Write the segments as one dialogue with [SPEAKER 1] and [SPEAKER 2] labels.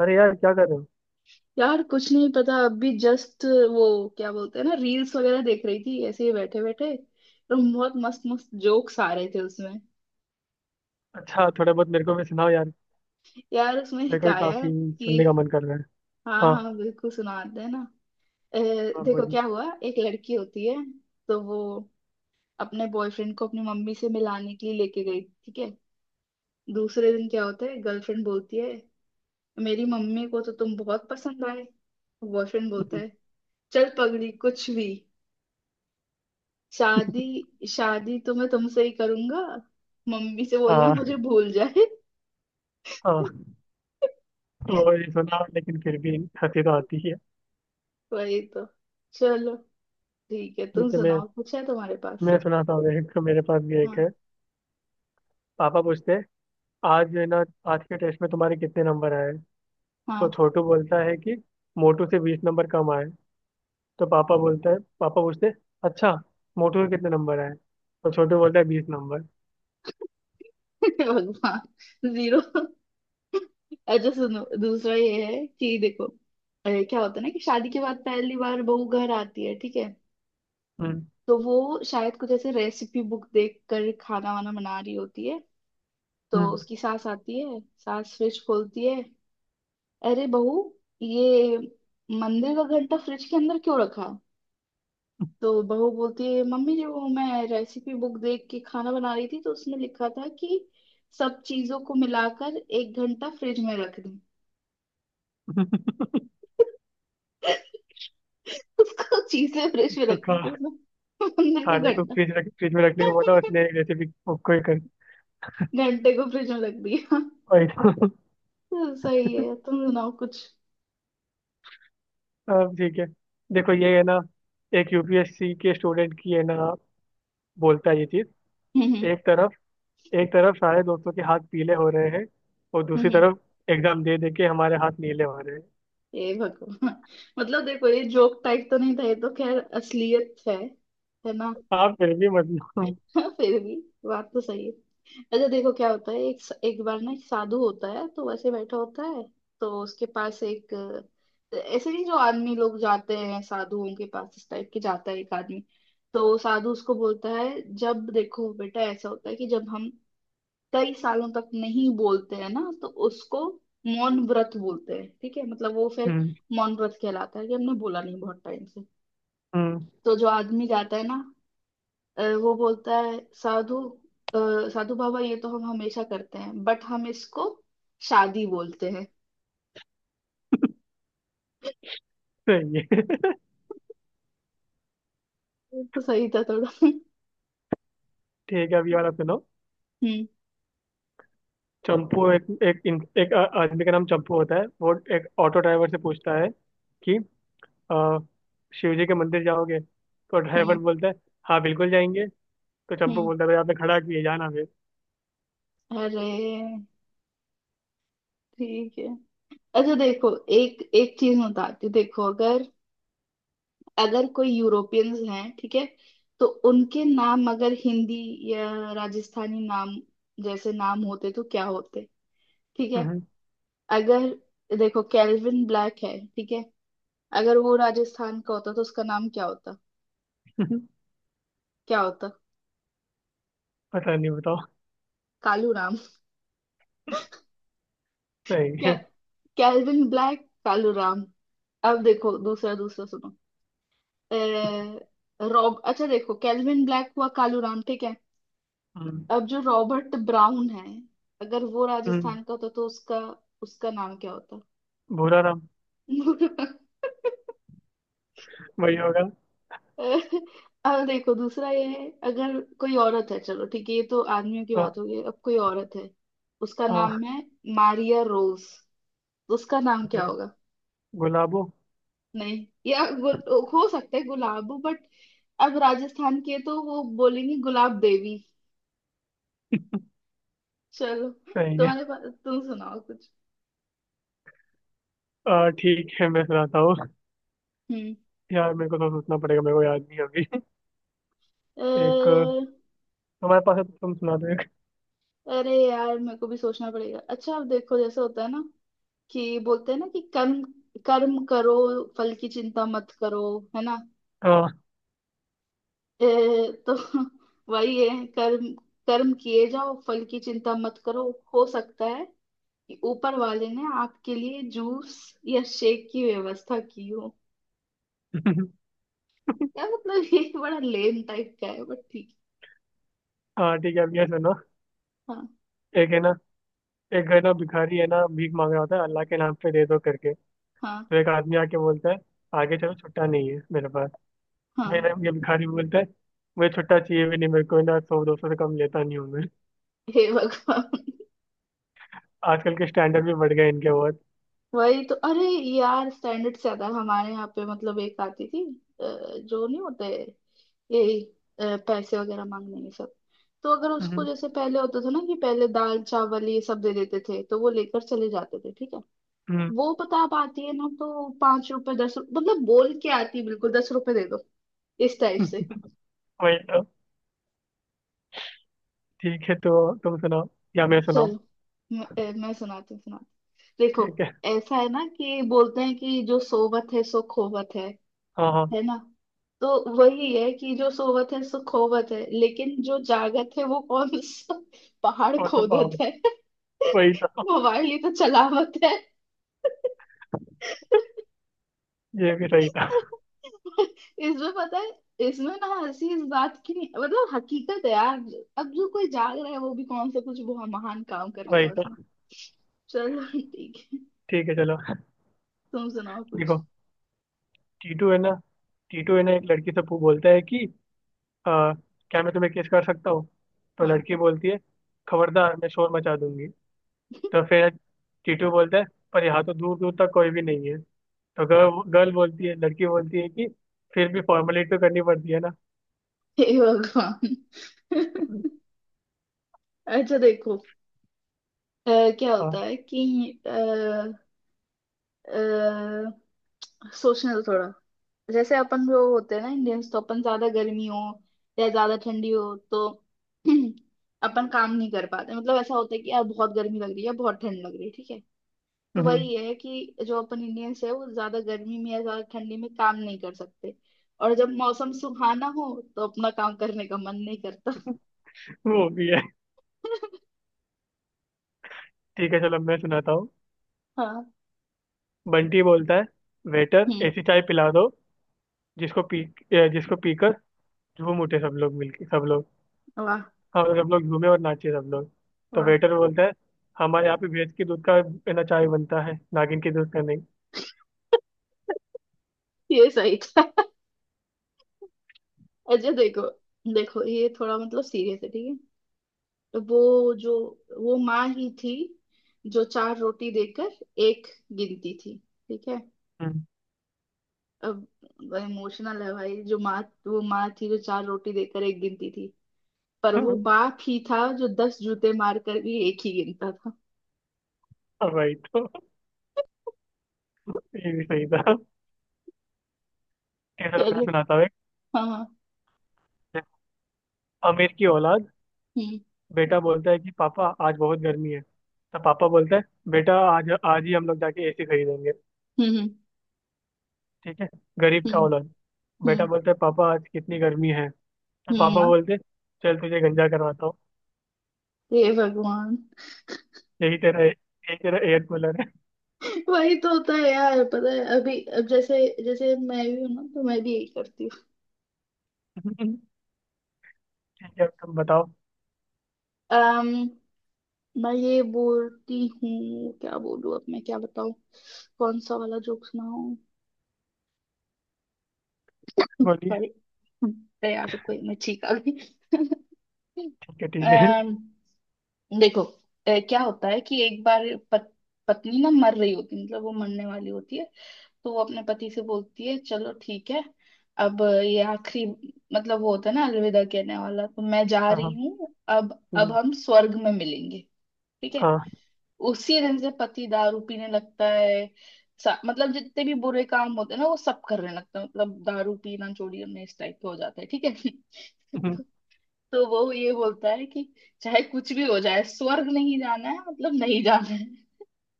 [SPEAKER 1] अरे यार, क्या कर रहे हो?
[SPEAKER 2] यार कुछ नहीं पता अभी जस्ट वो क्या बोलते हैं ना, रील्स वगैरह देख रही थी ऐसे ही बैठे बैठे। तो बहुत मस्त मस्त जोक्स आ रहे थे उसमें।
[SPEAKER 1] अच्छा, थोड़ा बहुत मेरे को भी सुनाओ यार।
[SPEAKER 2] यार उसमें
[SPEAKER 1] मेरे को भी
[SPEAKER 2] हिकाया
[SPEAKER 1] काफी
[SPEAKER 2] कि,
[SPEAKER 1] सुनने का मन कर रहा है।
[SPEAKER 2] हाँ,
[SPEAKER 1] हाँ,
[SPEAKER 2] हाँ, बिल्कुल सुनाते हैं ना। अ,
[SPEAKER 1] हाँ,
[SPEAKER 2] देखो
[SPEAKER 1] बोलिए।
[SPEAKER 2] क्या हुआ। एक लड़की होती है, तो वो अपने बॉयफ्रेंड को अपनी मम्मी से मिलाने के लिए लेके गई। ठीक है। दूसरे दिन क्या होता है, गर्लफ्रेंड बोलती है, मेरी मम्मी को तो तुम बहुत पसंद आए। बॉयफ्रेंड बोलता
[SPEAKER 1] हम्म,
[SPEAKER 2] है, चल पगली कुछ भी। शादी शादी तो मैं तुमसे ही करूंगा, मम्मी से बोलना
[SPEAKER 1] हाँ,
[SPEAKER 2] मुझे भूल जाए।
[SPEAKER 1] हाँ। वो ही सुना, लेकिन फिर भी हंसी तो आती ही है।
[SPEAKER 2] वही तो। चलो, ठीक है। तुम
[SPEAKER 1] ठीक है, मैं
[SPEAKER 2] सुनाओ, कुछ है तुम्हारे पास?
[SPEAKER 1] मैं सुनाता हूँ, एक मेरे पास भी एक
[SPEAKER 2] हाँ,
[SPEAKER 1] है। पापा पूछते हैं, आज जो है ना, आज के टेस्ट में तुम्हारे कितने नंबर आए हैं?" तो
[SPEAKER 2] हाँ।
[SPEAKER 1] छोटू बोलता है कि मोटू से 20 नंबर कम आए। तो पापा बोलता है पापा पूछते हैं, अच्छा, मोटू के कितने नंबर आए? तो छोटू बोलता है, 20 नंबर।
[SPEAKER 2] भगवान। जीरो। अच्छा सुनो, दूसरा ये है कि देखो, अरे क्या होता है ना कि शादी के बाद पहली बार बहू घर आती है। ठीक है।
[SPEAKER 1] हम्म,
[SPEAKER 2] तो वो शायद कुछ ऐसे रेसिपी बुक देख कर खाना वाना बना रही होती है। तो
[SPEAKER 1] हम्म।
[SPEAKER 2] उसकी सास आती है, सास फ्रिज खोलती है, अरे बहू, ये मंदिर का घंटा फ्रिज के अंदर क्यों रखा? तो बहू बोलती है, मम्मी जी वो मैं रेसिपी बुक देख के खाना बना रही थी तो उसमें लिखा था कि सब चीजों को मिलाकर एक घंटा फ्रिज में रख दूं। उसको चीजें फ्रिज में
[SPEAKER 1] तो का
[SPEAKER 2] रखी थी उसने, मंदिर का
[SPEAKER 1] खाने को फ्रिज में रखने को बोला उसने,
[SPEAKER 2] घंटा।
[SPEAKER 1] एक रेसिपी कोई कर।
[SPEAKER 2] घंटे को फ्रिज में रख दिया।
[SPEAKER 1] वही। तो
[SPEAKER 2] तो सही है। तुम सुनाओ कुछ।
[SPEAKER 1] अब ठीक है, देखो ये है ना, एक यूपीएससी के स्टूडेंट की है ना, बोलता है ये चीज।
[SPEAKER 2] हम्म।
[SPEAKER 1] एक तरफ एक तरफ सारे दोस्तों के हाथ पीले हो रहे हैं, और दूसरी
[SPEAKER 2] हम्म।
[SPEAKER 1] तरफ एग्जाम दे दे के हमारे हाथ नीले हो रहे हैं।
[SPEAKER 2] ये भगवान। मतलब देखो ये जोक टाइप तो नहीं था, ये तो खैर असलियत है। है ना?
[SPEAKER 1] आप फिर भी, मतलब।
[SPEAKER 2] हाँ, फिर भी बात तो सही है। अच्छा देखो क्या होता है। एक एक बार ना एक साधु होता है तो वैसे बैठा होता है। तो उसके पास एक, ऐसे नहीं जो आदमी लोग जाते हैं साधुओं के पास, इस टाइप के जाता है एक आदमी। तो साधु उसको बोलता है, जब देखो बेटा ऐसा होता है कि जब हम कई सालों तक नहीं बोलते हैं ना तो उसको मौन व्रत बोलते हैं। ठीक है। मतलब वो फिर
[SPEAKER 1] हम्म,
[SPEAKER 2] मौन व्रत कहलाता है, कि हमने बोला नहीं बहुत टाइम से।
[SPEAKER 1] हम्म।
[SPEAKER 2] तो जो आदमी जाता है ना, वो बोलता है साधु, अ, साधु बाबा ये तो हम हमेशा करते हैं बट हम इसको शादी बोलते हैं।
[SPEAKER 1] सही है।
[SPEAKER 2] ये तो सही था थोड़ा। हम्म।
[SPEAKER 1] ठीक है, अब ये वाला सुनो। चंपू एक एक एक आदमी का नाम चंपू होता है, वो एक ऑटो ड्राइवर से पूछता है कि अ, शिव जी के मंदिर जाओगे? तो ड्राइवर
[SPEAKER 2] हम्म।
[SPEAKER 1] बोलता है, हाँ बिल्कुल जाएंगे। तो चंपू
[SPEAKER 2] हम्म।
[SPEAKER 1] बोलता है, "भाई, आपने खड़ा किए जाना फिर।"
[SPEAKER 2] अरे, ठीक है। अच्छा देखो, एक एक चीज मैं बताती हूँ। देखो अगर अगर कोई यूरोपियंस हैं, ठीक है। तो उनके नाम अगर हिंदी या राजस्थानी नाम जैसे नाम होते तो क्या होते। ठीक है।
[SPEAKER 1] हम्म।
[SPEAKER 2] अगर देखो कैल्विन ब्लैक है, ठीक है, अगर वो राजस्थान का होता तो उसका नाम क्या होता? क्या होता?
[SPEAKER 1] पता नहीं, बताओ।
[SPEAKER 2] कालू राम।
[SPEAKER 1] सही
[SPEAKER 2] क्या,
[SPEAKER 1] है।
[SPEAKER 2] Calvin Black Kalu Ram. अब देखो दूसरा, दूसरा सुनो। अ, रॉब अच्छा देखो कैल्विन ब्लैक हुआ कालू राम, ठीक है।
[SPEAKER 1] हम्म,
[SPEAKER 2] अब जो रॉबर्ट ब्राउन है, अगर वो
[SPEAKER 1] हम्म।
[SPEAKER 2] राजस्थान का होता तो उसका उसका नाम क्या होता?
[SPEAKER 1] भूरा रंग, वही होगा।
[SPEAKER 2] अब देखो, दूसरा ये है। अगर कोई औरत है, चलो ठीक है, ये तो आदमियों की
[SPEAKER 1] हाँ,
[SPEAKER 2] बात हो गई। अब कोई औरत है, उसका नाम
[SPEAKER 1] हाँ।
[SPEAKER 2] है मारिया रोज, तो उसका नाम
[SPEAKER 1] Okay,
[SPEAKER 2] क्या होगा?
[SPEAKER 1] गुलाबो।
[SPEAKER 2] नहीं, या हो सकता है गुलाब, बट अब राजस्थान के तो वो बोलेंगे गुलाब देवी। चलो।
[SPEAKER 1] सही है।
[SPEAKER 2] तुम्हारे पास, तुम सुनाओ कुछ।
[SPEAKER 1] ठीक है, मैं सुनाता हूँ।
[SPEAKER 2] हम्म।
[SPEAKER 1] यार मेरे को तो सोचना पड़ेगा, मेरे को याद नहीं अभी।
[SPEAKER 2] अ,
[SPEAKER 1] एक तुम्हारे पास है तो तुम सुना दो एक।
[SPEAKER 2] अरे यार मेरे को भी सोचना पड़ेगा। अच्छा अब देखो, जैसे होता है ना कि बोलते हैं ना कि कर्म, कर्म करो फल की चिंता मत करो। है ना?
[SPEAKER 1] हाँ।
[SPEAKER 2] अ, तो वही है, कर्म, कर्म किए जाओ फल की चिंता मत करो। हो सकता है कि ऊपर वाले ने आपके लिए जूस या शेक की व्यवस्था की हो। या मतलब ये बड़ा लेम टाइप का है बट ठीक
[SPEAKER 1] हाँ, ठीक है, अब ये सुनो।
[SPEAKER 2] है। हाँ,
[SPEAKER 1] एक है ना, एक है ना भिखारी है ना, भीख मांग रहा होता है, अल्लाह के नाम पे दे दो करके।
[SPEAKER 2] हाँ,
[SPEAKER 1] तो एक आदमी आके बोलता है, आगे चलो, छुट्टा नहीं है मेरे पास।
[SPEAKER 2] हाँ।
[SPEAKER 1] फिर ये भिखारी बोलता है, मुझे छुट्टा चाहिए भी नहीं, मेरे को ना 100 200 से कम लेता नहीं हूँ मैं।
[SPEAKER 2] हे भगवान।
[SPEAKER 1] आजकल के स्टैंडर्ड भी बढ़ गए इनके बहुत।
[SPEAKER 2] वही तो। अरे यार स्टैंडर्ड से ज्यादा हमारे यहाँ पे मतलब एक आती थी, जो नहीं होते, यही, पैसे वगैरह मांगने ये सब। तो अगर उसको,
[SPEAKER 1] हम्म,
[SPEAKER 2] जैसे पहले होता था ना कि पहले दाल चावल ये सब दे देते थे तो वो लेकर चले जाते थे। ठीक है।
[SPEAKER 1] हम्म।
[SPEAKER 2] वो, पता, आप आती है ना तो पांच रुपए, दस रुपए, मतलब बोल के आती है बिल्कुल दस रुपए दे दो, इस टाइप से।
[SPEAKER 1] वही तो। ठीक है, तो तुम सुनाओ या मैं सुनाऊँ।
[SPEAKER 2] चल, मैं सुनाती हूँ, सुनाती हूँ। देखो
[SPEAKER 1] ठीक है।
[SPEAKER 2] ऐसा है ना कि बोलते हैं कि जो सोवत है सो खोवत है।
[SPEAKER 1] हाँ, हाँ।
[SPEAKER 2] है ना? तो वही है कि जो सोवत है सो खोवत है, लेकिन जो जागत है वो कौन सा पहाड़
[SPEAKER 1] कौन सा पाव
[SPEAKER 2] खोदत
[SPEAKER 1] है?
[SPEAKER 2] है?
[SPEAKER 1] वही तो।
[SPEAKER 2] मोबाइल ही तो चलावत है।
[SPEAKER 1] ये भी सही था।
[SPEAKER 2] इसमें पता है, इसमें ना हंसी इस बात की नहीं, मतलब हकीकत है यार। अब जो कोई जाग रहा है वो भी कौन सा कुछ बहुत महान काम कर
[SPEAKER 1] वही
[SPEAKER 2] लिया
[SPEAKER 1] तो।
[SPEAKER 2] उसने। चलो ठीक है।
[SPEAKER 1] ठीक है, चलो
[SPEAKER 2] तुम सुनाओ कुछ।
[SPEAKER 1] देखो, टीटू है ना, एक लड़की से बोलता है कि आ, क्या मैं तुम्हें किस कर सकता हूँ? तो
[SPEAKER 2] हाँ।
[SPEAKER 1] लड़की बोलती है, खबरदार, मैं शोर मचा दूंगी। तो फिर टीटू बोलता है, पर यहाँ तो दूर दूर तक कोई भी नहीं है। तो गर्ल गर्ल बोलती है लड़की बोलती है कि फिर भी फॉर्मेलिटी तो करनी पड़ती है ना।
[SPEAKER 2] हे भगवान। अच्छा देखो, क्या होता
[SPEAKER 1] हाँ,
[SPEAKER 2] है कि, अ, सोचने दो थोड़ा। जैसे अपन जो होते हैं ना इंडियंस, तो अपन ज्यादा गर्मी हो या ज्यादा ठंडी हो तो अपन काम नहीं कर पाते। मतलब ऐसा होता है कि यार बहुत गर्मी लग रही है, बहुत ठंड लग रही है। ठीक है। तो
[SPEAKER 1] हम्म।
[SPEAKER 2] वही है कि जो अपन इंडियंस है वो ज्यादा गर्मी में या ज्यादा ठंडी में काम नहीं कर सकते। और जब मौसम सुहाना हो तो अपना काम करने का मन नहीं करता।
[SPEAKER 1] वो भी है। ठीक है, चलो मैं सुनाता हूँ।
[SPEAKER 2] हाँ।
[SPEAKER 1] बंटी बोलता है, वेटर,
[SPEAKER 2] हम्म।
[SPEAKER 1] ऐसी चाय पिला दो, जिसको पी जिसको पीकर झूम उठे सब लोग, मिलके सब लोग।
[SPEAKER 2] वाह।
[SPEAKER 1] हाँ, मतलब सब लोग झूमे और नाचे सब लोग। तो
[SPEAKER 2] हाँ,
[SPEAKER 1] वेटर बोलता है, हमारे यहाँ पे भैंस के दूध का है ना चाय बनता है, नागिन के दूध का नहीं।
[SPEAKER 2] ये सही था। अच्छा देखो, ये थोड़ा मतलब सीरियस है, ठीक है। तो वो माँ ही थी जो चार रोटी देकर एक गिनती थी। ठीक है।
[SPEAKER 1] हम्म।
[SPEAKER 2] अब, इमोशनल है भाई। जो माँ, वो माँ थी जो चार रोटी देकर एक गिनती थी, पर वो बाप ही था जो दस जूते मार कर भी एक ही गिनता था।
[SPEAKER 1] हाँ, भाई, तो ये भी सही था। ठीक है, चलो मैं
[SPEAKER 2] चलो।
[SPEAKER 1] सुनाता हूँ।
[SPEAKER 2] हाँ, हाँ।
[SPEAKER 1] एक। अमीर की औलाद।
[SPEAKER 2] हम्म।
[SPEAKER 1] बेटा बोलता है कि पापा आज बहुत गर्मी है, तो पापा बोलता है, बेटा, आज आज ही हम लोग जाके एसी खरीदेंगे।
[SPEAKER 2] हम्म। हम्म।
[SPEAKER 1] ठीक है, गरीब का औलाद। बेटा
[SPEAKER 2] हम्म।
[SPEAKER 1] बोलता है, पापा आज कितनी गर्मी है। तो
[SPEAKER 2] हम्म।
[SPEAKER 1] पापा बोलते, चल तुझे गंजा करवाता हूँ,
[SPEAKER 2] हे भगवान।
[SPEAKER 1] यही तेरा एयर कूलर है।
[SPEAKER 2] वही तो होता है यार। पता है अभी, अब जैसे जैसे मैं भी हूँ ना तो मैं भी यही करती हूँ।
[SPEAKER 1] ठीक है, अब तुम बताओ।
[SPEAKER 2] अम मैं ये बोलती हूँ क्या बोलूँ, अब मैं क्या बताऊँ? कौन सा वाला जोक सुनाऊँ?
[SPEAKER 1] बोलिए।
[SPEAKER 2] सॉरी। अरे यार रुको, मैं ठीक आ गई।
[SPEAKER 1] ठीक है, ठीक है।
[SPEAKER 2] अम, देखो, क्या होता है कि एक बार पत, पत्नी ना मर रही होती, मतलब वो मरने वाली होती है। तो वो अपने पति से बोलती है, चलो ठीक है, अब ये आखिरी, मतलब वो होता है ना अलविदा कहने वाला, तो मैं जा
[SPEAKER 1] हाँ,
[SPEAKER 2] रही
[SPEAKER 1] हाँ।
[SPEAKER 2] हूँ, अब
[SPEAKER 1] हम्म,
[SPEAKER 2] हम स्वर्ग में मिलेंगे। ठीक है।
[SPEAKER 1] हाँ,
[SPEAKER 2] उसी दिन से पति दारू पीने लगता है। मतलब जितने भी बुरे काम होते हैं ना वो सब करने लगता है, मतलब दारू पीना, चोरी करना, इस टाइप का हो जाता है। ठीक है।
[SPEAKER 1] हम्म।
[SPEAKER 2] तो वो ये बोलता है कि चाहे कुछ भी हो जाए स्वर्ग नहीं जाना है, मतलब नहीं जाना है।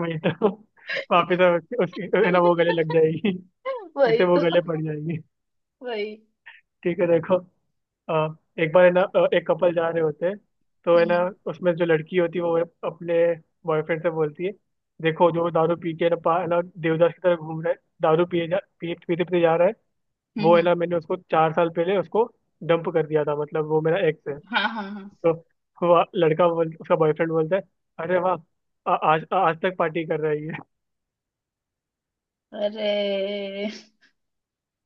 [SPEAKER 1] वही तो। वापिस, अब उसकी उसकी- है ना वो गले लग जाएगी, फिर से
[SPEAKER 2] वही
[SPEAKER 1] वो
[SPEAKER 2] तो।
[SPEAKER 1] गले पड़ जाएगी।
[SPEAKER 2] वही।
[SPEAKER 1] ठीक है, देखो अ, एक बार है ना, एक कपल जा रहे होते हैं, तो
[SPEAKER 2] हम्म।
[SPEAKER 1] है ना,
[SPEAKER 2] हम्म।
[SPEAKER 1] उसमें जो लड़की होती है वो अपने बॉयफ्रेंड से बोलती है, देखो जो दारू पी के है ना है ना, देवदास की तरह घूम रहा है, दारू पिए जा पिए पीते पीते जा रहा है,
[SPEAKER 2] हम्म।
[SPEAKER 1] वो है ना, मैंने उसको 4 साल पहले उसको डंप कर दिया था, मतलब वो मेरा एक्स है।
[SPEAKER 2] हाँ, हाँ, हाँ।
[SPEAKER 1] तो वो लड़का बोल उसका बॉयफ्रेंड बोलता है, अरे वाह, आज आज तक पार्टी कर रही है।
[SPEAKER 2] अरे।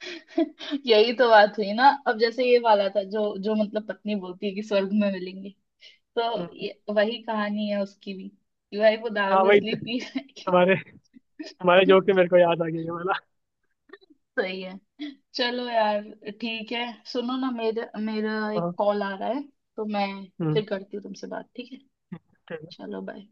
[SPEAKER 2] यही तो बात हुई ना। अब जैसे ये वाला था, जो जो मतलब पत्नी बोलती है कि स्वर्ग में मिलेंगे, तो
[SPEAKER 1] हम्म,
[SPEAKER 2] ये, वही कहानी है उसकी भी कि भाई वो
[SPEAKER 1] हाँ
[SPEAKER 2] दारू
[SPEAKER 1] भाई,
[SPEAKER 2] इसलिए पी रहा है कि।
[SPEAKER 1] तुम्हारे तुम्हारे जोक से मेरे को याद आ गया ये वाला।
[SPEAKER 2] सही है। चलो यार, ठीक है। सुनो ना, मेरा मेरा एक
[SPEAKER 1] हाँ,
[SPEAKER 2] कॉल आ रहा है तो मैं
[SPEAKER 1] हम्म।
[SPEAKER 2] फिर करती हूँ तुमसे बात। ठीक है।
[SPEAKER 1] ठीक है।
[SPEAKER 2] चलो, बाय।